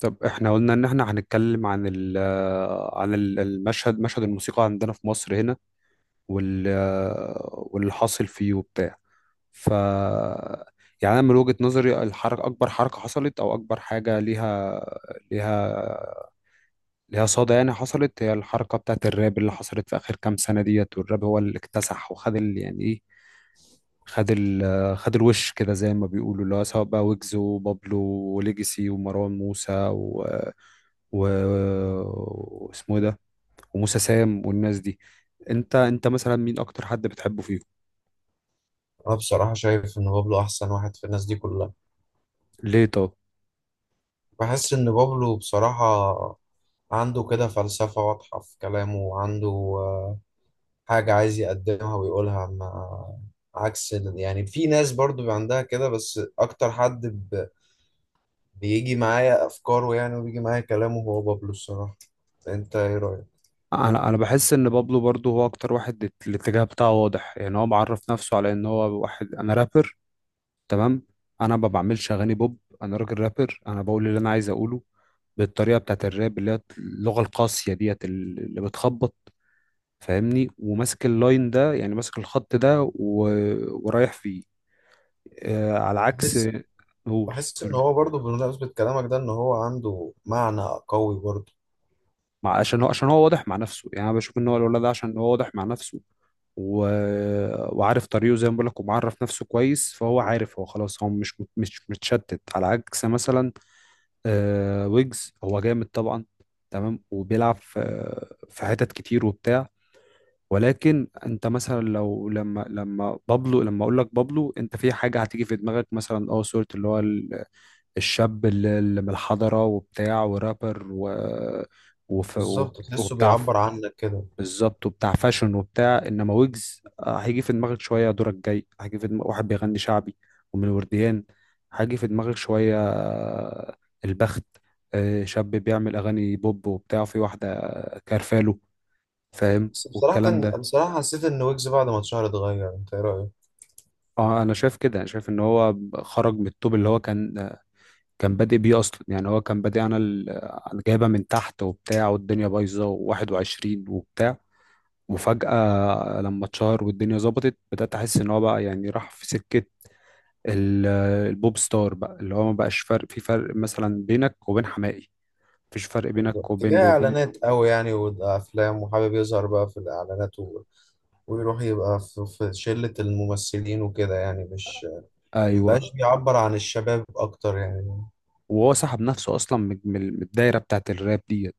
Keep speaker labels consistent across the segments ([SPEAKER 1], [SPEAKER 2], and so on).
[SPEAKER 1] طب احنا قلنا ان احنا هنتكلم عن المشهد، مشهد الموسيقى عندنا في مصر هنا. وال واللي حاصل فيه وبتاع. ف يعني انا من وجهة نظري، الحركة، اكبر حركة حصلت او اكبر حاجة ليها ليها صدى يعني حصلت، هي الحركة بتاعت الراب اللي حصلت في اخر كام سنة ديت. والراب هو اللي اكتسح وخد ال- يعني ايه خد ال خد الوش كده زي ما بيقولوا، اللي هو سواء بقى ويجز، وبابلو، وليجاسي، ومروان موسى، و و واسمه إيه ده، وموسى سام، والناس دي. انت مثلا مين اكتر حد بتحبه فيهم؟
[SPEAKER 2] انا بصراحة شايف ان بابلو احسن واحد في الناس دي كلها.
[SPEAKER 1] ليه طب؟
[SPEAKER 2] بحس ان بابلو بصراحة عنده كده فلسفة واضحة في كلامه، وعنده آه، حاجة عايز يقدمها ويقولها، ما عكس يعني في ناس برضو بيبقى عندها كده، بس اكتر حد بيجي معايا افكاره يعني، وبيجي معايا كلامه هو بابلو الصراحة. انت ايه رأيك؟
[SPEAKER 1] انا بحس ان بابلو برضو هو اكتر واحد، الاتجاه بتاعه واضح يعني، هو معرف نفسه على ان هو واحد، انا رابر، تمام، انا ما بعملش اغاني بوب، انا راجل رابر، انا بقول اللي انا عايز اقوله بالطريقه بتاعت الراب اللي هي اللغه القاسيه ديت اللي بتخبط. فاهمني؟ وماسك اللاين ده يعني، ماسك الخط ده و... ورايح فيه. آه، على عكس،
[SPEAKER 2] بحس
[SPEAKER 1] قول،
[SPEAKER 2] بحس ان
[SPEAKER 1] قول.
[SPEAKER 2] هو برضو، بمناسبة كلامك ده، ان هو عنده معنى قوي برضو.
[SPEAKER 1] عشان هو، عشان هو واضح مع نفسه، يعني انا بشوف ان هو الولد ده عشان هو واضح مع نفسه و... وعارف طريقه زي ما بقول لك، ومعرف نفسه كويس، فهو عارف، هو خلاص هو مش متشتت على عكس مثلا آه ويجز. هو جامد طبعا، تمام، وبيلعب في في حتت كتير وبتاع، ولكن انت مثلا لو لما لما بابلو، لما اقول لك بابلو، انت في حاجه هتيجي في دماغك مثلا، اه صوره، اللي هو الشاب اللي من الحضره وبتاع، ورابر و وف وب-
[SPEAKER 2] بالظبط، تحسه
[SPEAKER 1] وبتاع ف-
[SPEAKER 2] بيعبر عنك كده.
[SPEAKER 1] بالظبط، وبتاع فاشن وبتاع. انما ويجز آه، هيجي في دماغك شويه، دورك جاي، هيجي في دماغك واحد بيغني شعبي ومن الورديان، هيجي في دماغك شويه آه، البخت، آه، شاب بيعمل اغاني بوب وبتاع في واحده كارفالو، فاهم
[SPEAKER 2] بس
[SPEAKER 1] والكلام
[SPEAKER 2] بصراحة
[SPEAKER 1] ده.
[SPEAKER 2] بصراحة حسيت إن ويجز بعد ما اتشهر اتغير. أنت إيه رأيك؟
[SPEAKER 1] اه انا شايف كده، انا شايف ان هو خرج من الطوب اللي هو كان بادئ بيه اصلا، يعني هو كان بادئ، انا أنا جايبه من تحت وبتاع، والدنيا بايظه و21 وبتاع، وفجاه لما اتشهر والدنيا ظبطت بدات احس ان هو بقى يعني راح في سكه ال- البوب ستار بقى، اللي هو ما بقاش فرق، في فرق مثلا بينك وبين حماقي، مفيش فرق بينك وبين
[SPEAKER 2] اتجاه
[SPEAKER 1] وبين
[SPEAKER 2] إعلانات أوي يعني، وأفلام، وحابب يظهر بقى في الإعلانات، و... ويروح يبقى في شلة الممثلين وكده يعني. مش مبقاش
[SPEAKER 1] ايوه.
[SPEAKER 2] بيعبر عن الشباب أكتر يعني.
[SPEAKER 1] وهو سحب نفسه اصلا من الدايره بتاعت الراب ديت،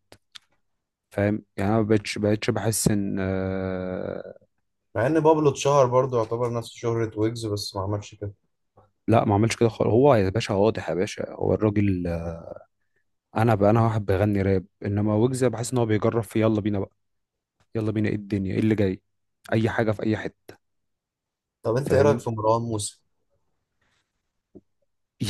[SPEAKER 1] فاهم يعني. انا ما بقتش بحس ان.
[SPEAKER 2] مع إن بابلو اتشهر برضه يعتبر نفس شهرة ويجز، بس ما عملش كده.
[SPEAKER 1] لا ما عملش كده خالص، هو يا باشا واضح، يا باشا هو الراجل. انا بقى انا واحد بغني راب، انما ويجز بحس ان هو بيجرب في، يلا بينا بقى، يلا بينا ايه الدنيا، ايه اللي جاي، اي حاجه في اي حته.
[SPEAKER 2] طب أنت إيه رأيك
[SPEAKER 1] فاهم؟
[SPEAKER 2] في مروان موسى؟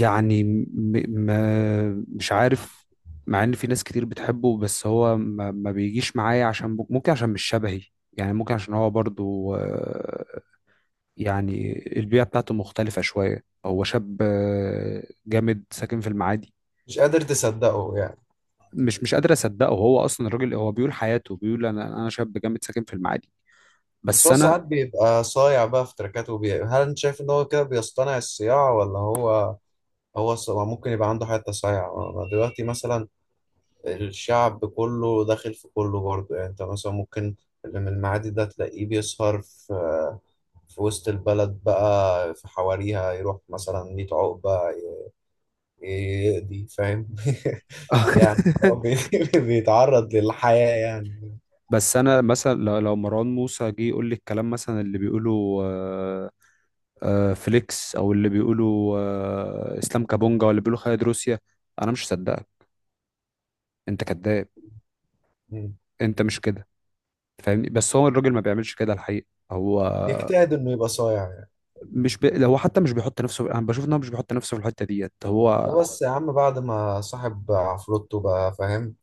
[SPEAKER 1] يعني م... ما مش عارف، مع ان في ناس كتير بتحبه، بس هو ما بيجيش معايا، عشان ممكن، عشان مش شبهي يعني. ممكن عشان هو برضو آه، يعني البيئه بتاعته مختلفه شويه، هو شاب آه، جامد ساكن في المعادي.
[SPEAKER 2] مش قادر تصدقه يعني.
[SPEAKER 1] مش قادر اصدقه، هو اصلا الراجل هو بيقول حياته، بيقول انا شاب جامد ساكن في المعادي،
[SPEAKER 2] بس
[SPEAKER 1] بس
[SPEAKER 2] هو
[SPEAKER 1] انا
[SPEAKER 2] ساعات بيبقى صايع بقى في تركاته هل أنت شايف إن هو كده بيصطنع الصياعة ولا هو، هو ممكن يبقى عنده حتة صايعة. دلوقتي مثلا الشعب كله داخل في كله برضه يعني. انت مثلا ممكن اللي من المعادي ده تلاقيه بيسهر في وسط البلد بقى، في حواريها، يروح مثلا 100 عقبة يقضي فاهم يعني هو بيتعرض للحياة يعني.
[SPEAKER 1] بس انا مثلا لو مروان موسى جه يقول لي الكلام مثلا اللي بيقوله آه، آه، فليكس، او اللي بيقوله آه، اسلام كابونجا، ولا بيقوله خالد روسيا، انا مش هصدقك، انت كذاب،
[SPEAKER 2] م.
[SPEAKER 1] انت مش كده. فاهمني؟ بس هو الراجل ما بيعملش كده الحقيقه. هو
[SPEAKER 2] يجتهد انه يبقى صايع يعني.
[SPEAKER 1] هو حتى مش بيحط نفسه، انا بشوف ان هو مش بيحط نفسه في الحته ديت.
[SPEAKER 2] ده بس يا عم بعد ما صاحب عفروتو، بقى فاهم،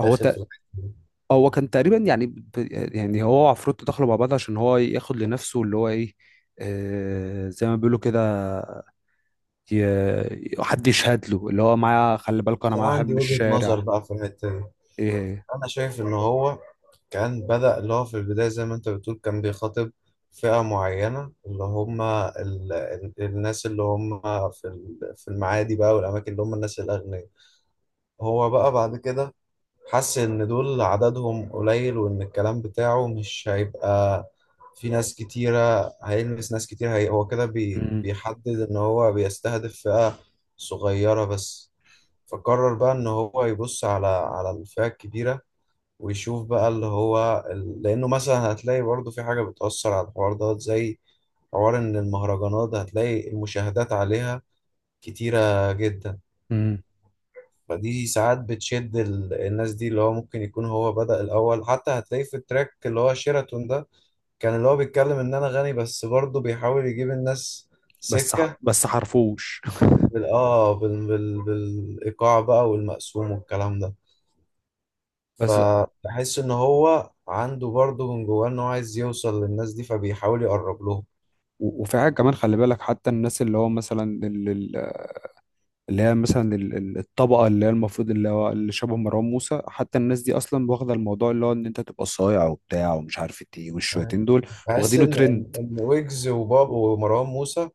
[SPEAKER 1] هو
[SPEAKER 2] في الحتة دي.
[SPEAKER 1] هو كان تقريبا يعني هو وعفروتو دخلوا مع بعض عشان هو ياخد لنفسه اللي هو ايه، آه زي ما بيقولوا كده، حد يشهد له، اللي هو معايا، خلي بالكوا
[SPEAKER 2] بس
[SPEAKER 1] انا
[SPEAKER 2] انا
[SPEAKER 1] معايا واحد
[SPEAKER 2] عندي
[SPEAKER 1] من
[SPEAKER 2] وجهة نظر
[SPEAKER 1] الشارع.
[SPEAKER 2] بقى في الحتة دي.
[SPEAKER 1] ايه؟
[SPEAKER 2] انا شايف ان هو كان بدأ اللي هو في البداية، زي ما انت بتقول، كان بيخاطب فئة معينة، اللي هم الناس اللي هم في المعادي بقى، والاماكن اللي هم الناس الاغنياء. هو بقى بعد كده حس ان دول عددهم قليل، وان الكلام بتاعه مش هيبقى في ناس كتيرة هيلمس ناس كتير. هو كده
[SPEAKER 1] مم.
[SPEAKER 2] بيحدد ان هو بيستهدف فئة صغيرة بس. فقرر بقى ان هو يبص على الفئة الكبيرة، ويشوف بقى اللي هو لأنه مثلا هتلاقي برضه في حاجة بتأثر على الحوار ده، زي حوار إن المهرجانات ده هتلاقي المشاهدات عليها كتيرة جدا.
[SPEAKER 1] مم.
[SPEAKER 2] فدي ساعات بتشد الناس دي، اللي هو ممكن يكون هو بدأ الأول. حتى هتلاقيه في التراك اللي هو شيراتون ده، كان اللي هو بيتكلم إن أنا غني، بس برضه بيحاول يجيب الناس سكة
[SPEAKER 1] بس حرفوش
[SPEAKER 2] بالإيقاع بقى، والمقسوم، والكلام ده.
[SPEAKER 1] بس
[SPEAKER 2] فبحس ان هو عنده برضه من جواه ان هو عايز يوصل للناس دي، فبيحاول يقرب لهم.
[SPEAKER 1] وفي حاجة كمان، خلي بالك حتى الناس اللي هو مثلا اللي هي مثلا الطبقة اللي هي المفروض اللي هو اللي شبه مروان موسى، حتى الناس دي أصلا واخدة الموضوع اللي هو إن أنت تبقى صايع وبتاع ومش عارف إيه،
[SPEAKER 2] فاهم؟
[SPEAKER 1] والشويتين دول
[SPEAKER 2] بحس
[SPEAKER 1] واخدينه
[SPEAKER 2] ان
[SPEAKER 1] ترند.
[SPEAKER 2] ان إن ويجز وباب ومروان موسى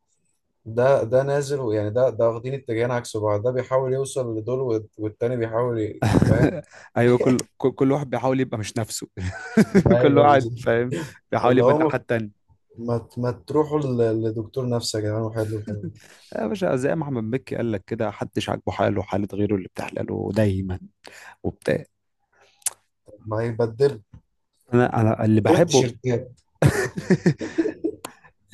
[SPEAKER 2] ده ده نازل يعني. ده واخدين اتجاهين عكس بعض. ده بيحاول يوصل لدول، والتاني بيحاول فاهم.
[SPEAKER 1] ايوه، كل واحد بيحاول يبقى مش نفسه. كل
[SPEAKER 2] ايوه،
[SPEAKER 1] واحد
[SPEAKER 2] بالظبط.
[SPEAKER 1] فاهم بيحاول
[SPEAKER 2] اللي
[SPEAKER 1] يبقى الناحيه
[SPEAKER 2] هو
[SPEAKER 1] التانيه.
[SPEAKER 2] ما تروحوا لدكتور نفسي يا جدعان، وحلوا الحوار ده.
[SPEAKER 1] يا باشا زي ما احمد مكي قال لك كده، حدش عاجبه حاله، حاله غيره اللي بتحلاله دايما وبتاع.
[SPEAKER 2] ما يبدل
[SPEAKER 1] انا اللي
[SPEAKER 2] دول
[SPEAKER 1] بحبه.
[SPEAKER 2] التيشيرتات.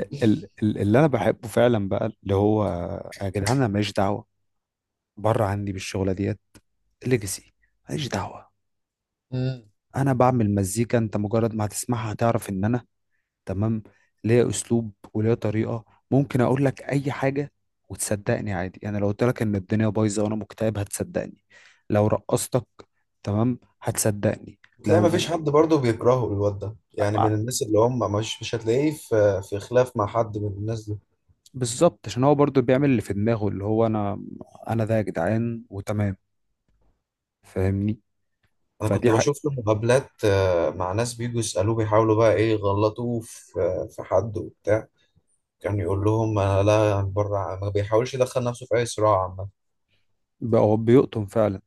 [SPEAKER 1] اللي انا بحبه فعلا بقى، اللي هو، يا جدعان انا ماليش دعوه، بره عني بالشغله ديت. ليجاسي، ماليش دعوه،
[SPEAKER 2] امم.
[SPEAKER 1] انا بعمل مزيكا، انت مجرد ما هتسمعها هتعرف ان انا، تمام، ليا اسلوب وليا طريقه. ممكن اقول لك اي حاجه وتصدقني عادي يعني، لو قلت لك ان الدنيا بايظه وانا مكتئب هتصدقني، لو رقصتك تمام هتصدقني.
[SPEAKER 2] تلاقي ما فيش
[SPEAKER 1] لو
[SPEAKER 2] حد برضه بيكرهه الواد ده يعني. من الناس اللي هم مش هتلاقيه في خلاف مع حد من الناس دي.
[SPEAKER 1] بالظبط، عشان هو برضو بيعمل اللي في دماغه، اللي هو انا، انا ده يا جدعان وتمام. فاهمني؟
[SPEAKER 2] انا
[SPEAKER 1] فدي
[SPEAKER 2] كنت
[SPEAKER 1] حق
[SPEAKER 2] بشوف له مقابلات مع ناس بيجوا يسالوه، بيحاولوا بقى ايه يغلطوه في حد وبتاع. كان يقول لهم انا لا، بره، ما بيحاولش يدخل نفسه في اي صراع عامه.
[SPEAKER 1] بقى، هو بيقطن فعلا.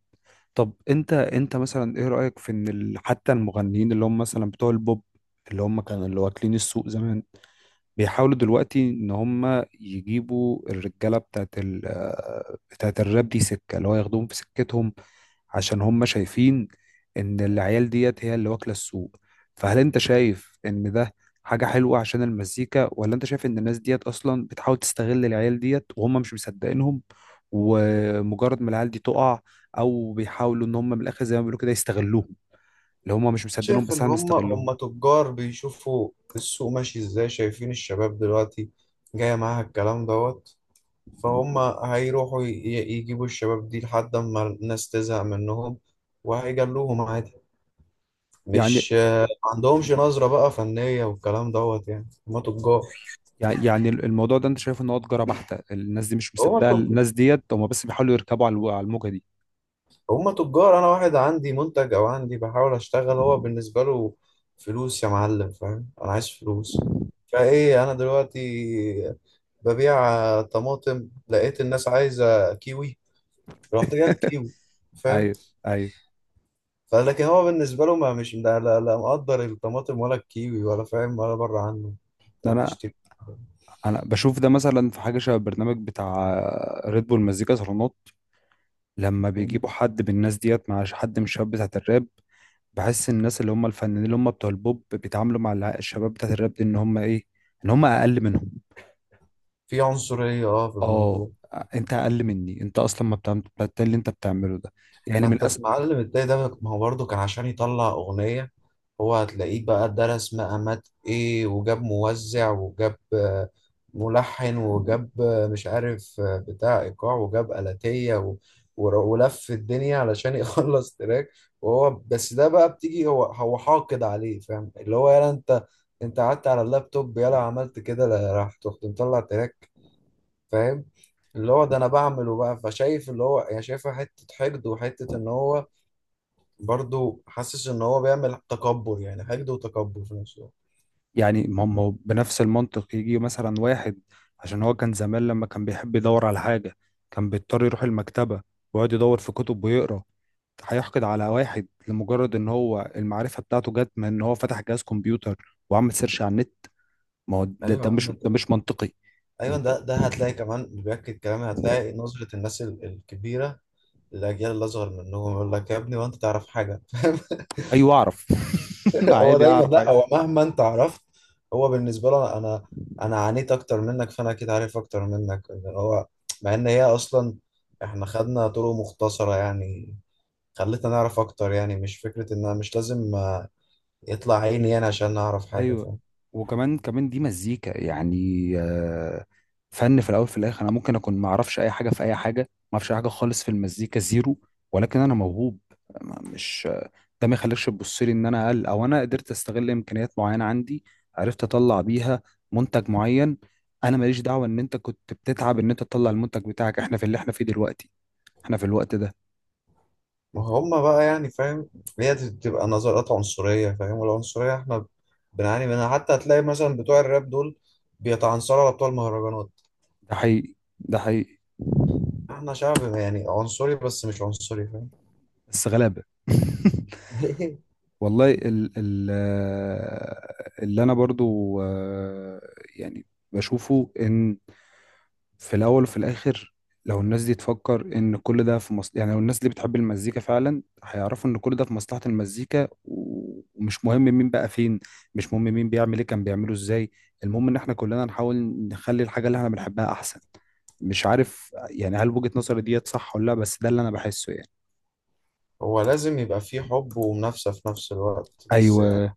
[SPEAKER 1] طب انت مثلا ايه رايك في ان حتى المغنيين اللي هم مثلا بتوع البوب، اللي هم كانوا اللي واكلين السوق زمان، بيحاولوا دلوقتي ان هم يجيبوا الرجاله بتاعت ال آه، بتاعت الراب دي سكه، اللي هو ياخدوهم في سكتهم عشان هم شايفين ان العيال ديت هي اللي واكله السوق. فهل انت شايف ان ده حاجه حلوه عشان المزيكا، ولا انت شايف ان الناس ديت اصلا بتحاول تستغل العيال ديت وهم مش مصدقينهم، ومجرد ما العيال دي تقع، او بيحاولوا ان هم من الاخر زي ما بيقولوا كده يستغلوهم، اللي هم مش مصدقينهم
[SPEAKER 2] شايف
[SPEAKER 1] بس
[SPEAKER 2] ان
[SPEAKER 1] احنا
[SPEAKER 2] هم
[SPEAKER 1] بنستغلهم؟
[SPEAKER 2] هم تجار بيشوفوا السوق ماشي ازاي، شايفين الشباب دلوقتي جايه معاها الكلام دوت، فهم هيروحوا يجيبوا الشباب دي لحد ما الناس تزهق منهم، وهيجلوهم عادي.
[SPEAKER 1] يعني
[SPEAKER 2] مش ما عندهمش نظرة بقى فنية والكلام دوت. يعني هما تجار.
[SPEAKER 1] يعني الموضوع ده انت شايف ان هو تجاره بحته، الناس دي مش
[SPEAKER 2] هما
[SPEAKER 1] مصدقه،
[SPEAKER 2] تجار.
[SPEAKER 1] الناس ديت هم بس بيحاولوا يركبوا على على الموجه دي.
[SPEAKER 2] هما تجار. انا واحد عندي منتج، او عندي بحاول اشتغل، هو بالنسبه له فلوس يا معلم فاهم. انا عايز فلوس. فايه انا دلوقتي ببيع طماطم، لقيت الناس عايزه كيوي، رحت جايب كيوي. فاهم.
[SPEAKER 1] ايوه، ايوه.
[SPEAKER 2] فلكن هو بالنسبه له، ما مش لا مقدر الطماطم ولا الكيوي ولا فاهم، ولا بره عنه
[SPEAKER 1] ده انا
[SPEAKER 2] بتشتري.
[SPEAKER 1] انا بشوف ده مثلا في حاجه شبه البرنامج بتاع ريد بول مزيكا صالونات، لما بيجيبوا حد من الناس ديت مع حد من الشباب بتاعت الراب، بحس الناس اللي هم الفنانين اللي هم بتوع البوب بيتعاملوا مع الشباب بتاعت الراب دي ان هم ايه، ان هم اقل منهم.
[SPEAKER 2] في عنصريه في الموضوع.
[SPEAKER 1] اه انت اقل مني، انت اصلا ما بتعمل بتاع اللي انت بتعمله ده، يعني
[SPEAKER 2] ما
[SPEAKER 1] من
[SPEAKER 2] انت
[SPEAKER 1] الاسف.
[SPEAKER 2] المعلم التاني ده، ما هو برضه كان عشان يطلع اغنيه، هو هتلاقيه بقى درس مقامات ايه، وجاب موزع، وجاب ملحن، وجاب مش عارف، بتاع ايقاع، وجاب آلاتية، ولف الدنيا علشان يخلص تراك. وهو بس ده بقى بتيجي هو حاقد عليه فاهم. اللي هو يلا انت، قعدت على اللابتوب يلا عملت كده. لا، رحت مطلع تراك فاهم. اللي هو ده انا بعمله بقى. فشايف اللي هو يعني شايفها حته حقد، وحته ان هو برضو حاسس ان هو بيعمل تكبر يعني. حقد وتكبر في نفس الوقت.
[SPEAKER 1] يعني ما هم بنفس المنطق، يجي مثلا واحد عشان هو كان زمان لما كان بيحب يدور على حاجة كان بيضطر يروح المكتبة ويقعد يدور في كتب ويقرا، هيحقد على واحد لمجرد ان هو المعرفة بتاعته جت من ان هو فتح جهاز كمبيوتر وعمل سيرش على النت؟ ما هو ده,
[SPEAKER 2] ايوه يا
[SPEAKER 1] ده
[SPEAKER 2] عم
[SPEAKER 1] مش ده مش منطقي.
[SPEAKER 2] ايوه،
[SPEAKER 1] انت،
[SPEAKER 2] ده هتلاقي كمان اللي بياكد كلامي، هتلاقي نظره الناس الكبيره للاجيال اللي اصغر منهم، يقول لك يا ابني وانت تعرف حاجه
[SPEAKER 1] ايوه اعرف.
[SPEAKER 2] هو
[SPEAKER 1] عادي
[SPEAKER 2] دايما
[SPEAKER 1] اعرف.
[SPEAKER 2] لا، هو مهما انت عرفت، هو بالنسبه له انا عانيت اكتر منك، فانا اكيد عارف اكتر منك، إن هو، مع ان هي اصلا احنا خدنا طرق مختصره يعني، خلتنا نعرف اكتر يعني. مش فكره ان انا مش لازم يطلع عيني يعني عشان نعرف حاجه.
[SPEAKER 1] ايوه. وكمان دي مزيكا يعني، آه، فن في الاول في الاخر. انا ممكن اكون ما اعرفش اي حاجه في اي حاجه، ما اعرفش أي حاجه خالص في المزيكا، زيرو، ولكن انا موهوب. ما- مش ده ما يخليكش تبص لي ان انا اقل، او انا قدرت استغل امكانيات معينه عندي عرفت اطلع بيها منتج معين. انا ماليش دعوه ان انت كنت بتتعب ان انت تطلع المنتج بتاعك، احنا في اللي احنا فيه دلوقتي، احنا في الوقت ده.
[SPEAKER 2] ما هم بقى يعني فاهم. هي بتبقى نظرات عنصرية فاهم، والعنصرية احنا بنعاني منها. حتى هتلاقي مثلا بتوع الراب دول بيتعنصروا على بتوع المهرجانات.
[SPEAKER 1] ده حقيقي، ده حقيقي،
[SPEAKER 2] احنا شعب يعني عنصري، بس مش عنصري فاهم
[SPEAKER 1] بس غلابه. والله ال ال آه، اللي انا برضو آه، يعني بشوفه، ان في الاول وفي الاخر، لو الناس دي تفكر ان كل ده في مصلحة، يعني لو الناس دي بتحب المزيكا فعلا هيعرفوا ان كل ده في مصلحة المزيكا، ومش مهم مين بقى فين، مش مهم مين بيعمل ايه، كان بيعمله ازاي، المهم ان احنا كلنا نحاول نخلي الحاجة اللي احنا بنحبها احسن. مش عارف يعني، هل وجهة نظري ديت صح ولا لا، بس ده اللي انا بحسه يعني.
[SPEAKER 2] هو لازم يبقى فيه حب ومنافسة في نفس الوقت بس يعني.
[SPEAKER 1] ايوه.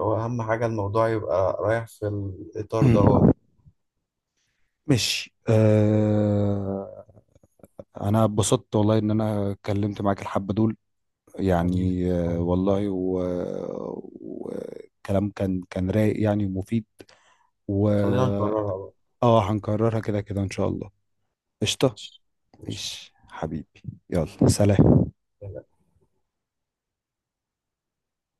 [SPEAKER 2] هو أهم حاجة الموضوع يبقى رايح في الإطار دوت.
[SPEAKER 1] ماشي آه، انا اتبسطت والله ان انا اتكلمت معاك الحبة دول،
[SPEAKER 2] حبيبي
[SPEAKER 1] يعني آه،
[SPEAKER 2] تسلم.
[SPEAKER 1] والله وكلام كان كان رايق يعني ومفيد. و
[SPEAKER 2] خلينا نكررها بقى.
[SPEAKER 1] اه هنكررها كده كده ان شاء الله. قشطة.
[SPEAKER 2] ماشي. قشطة.
[SPEAKER 1] ايش حبيبي، يلا سلام.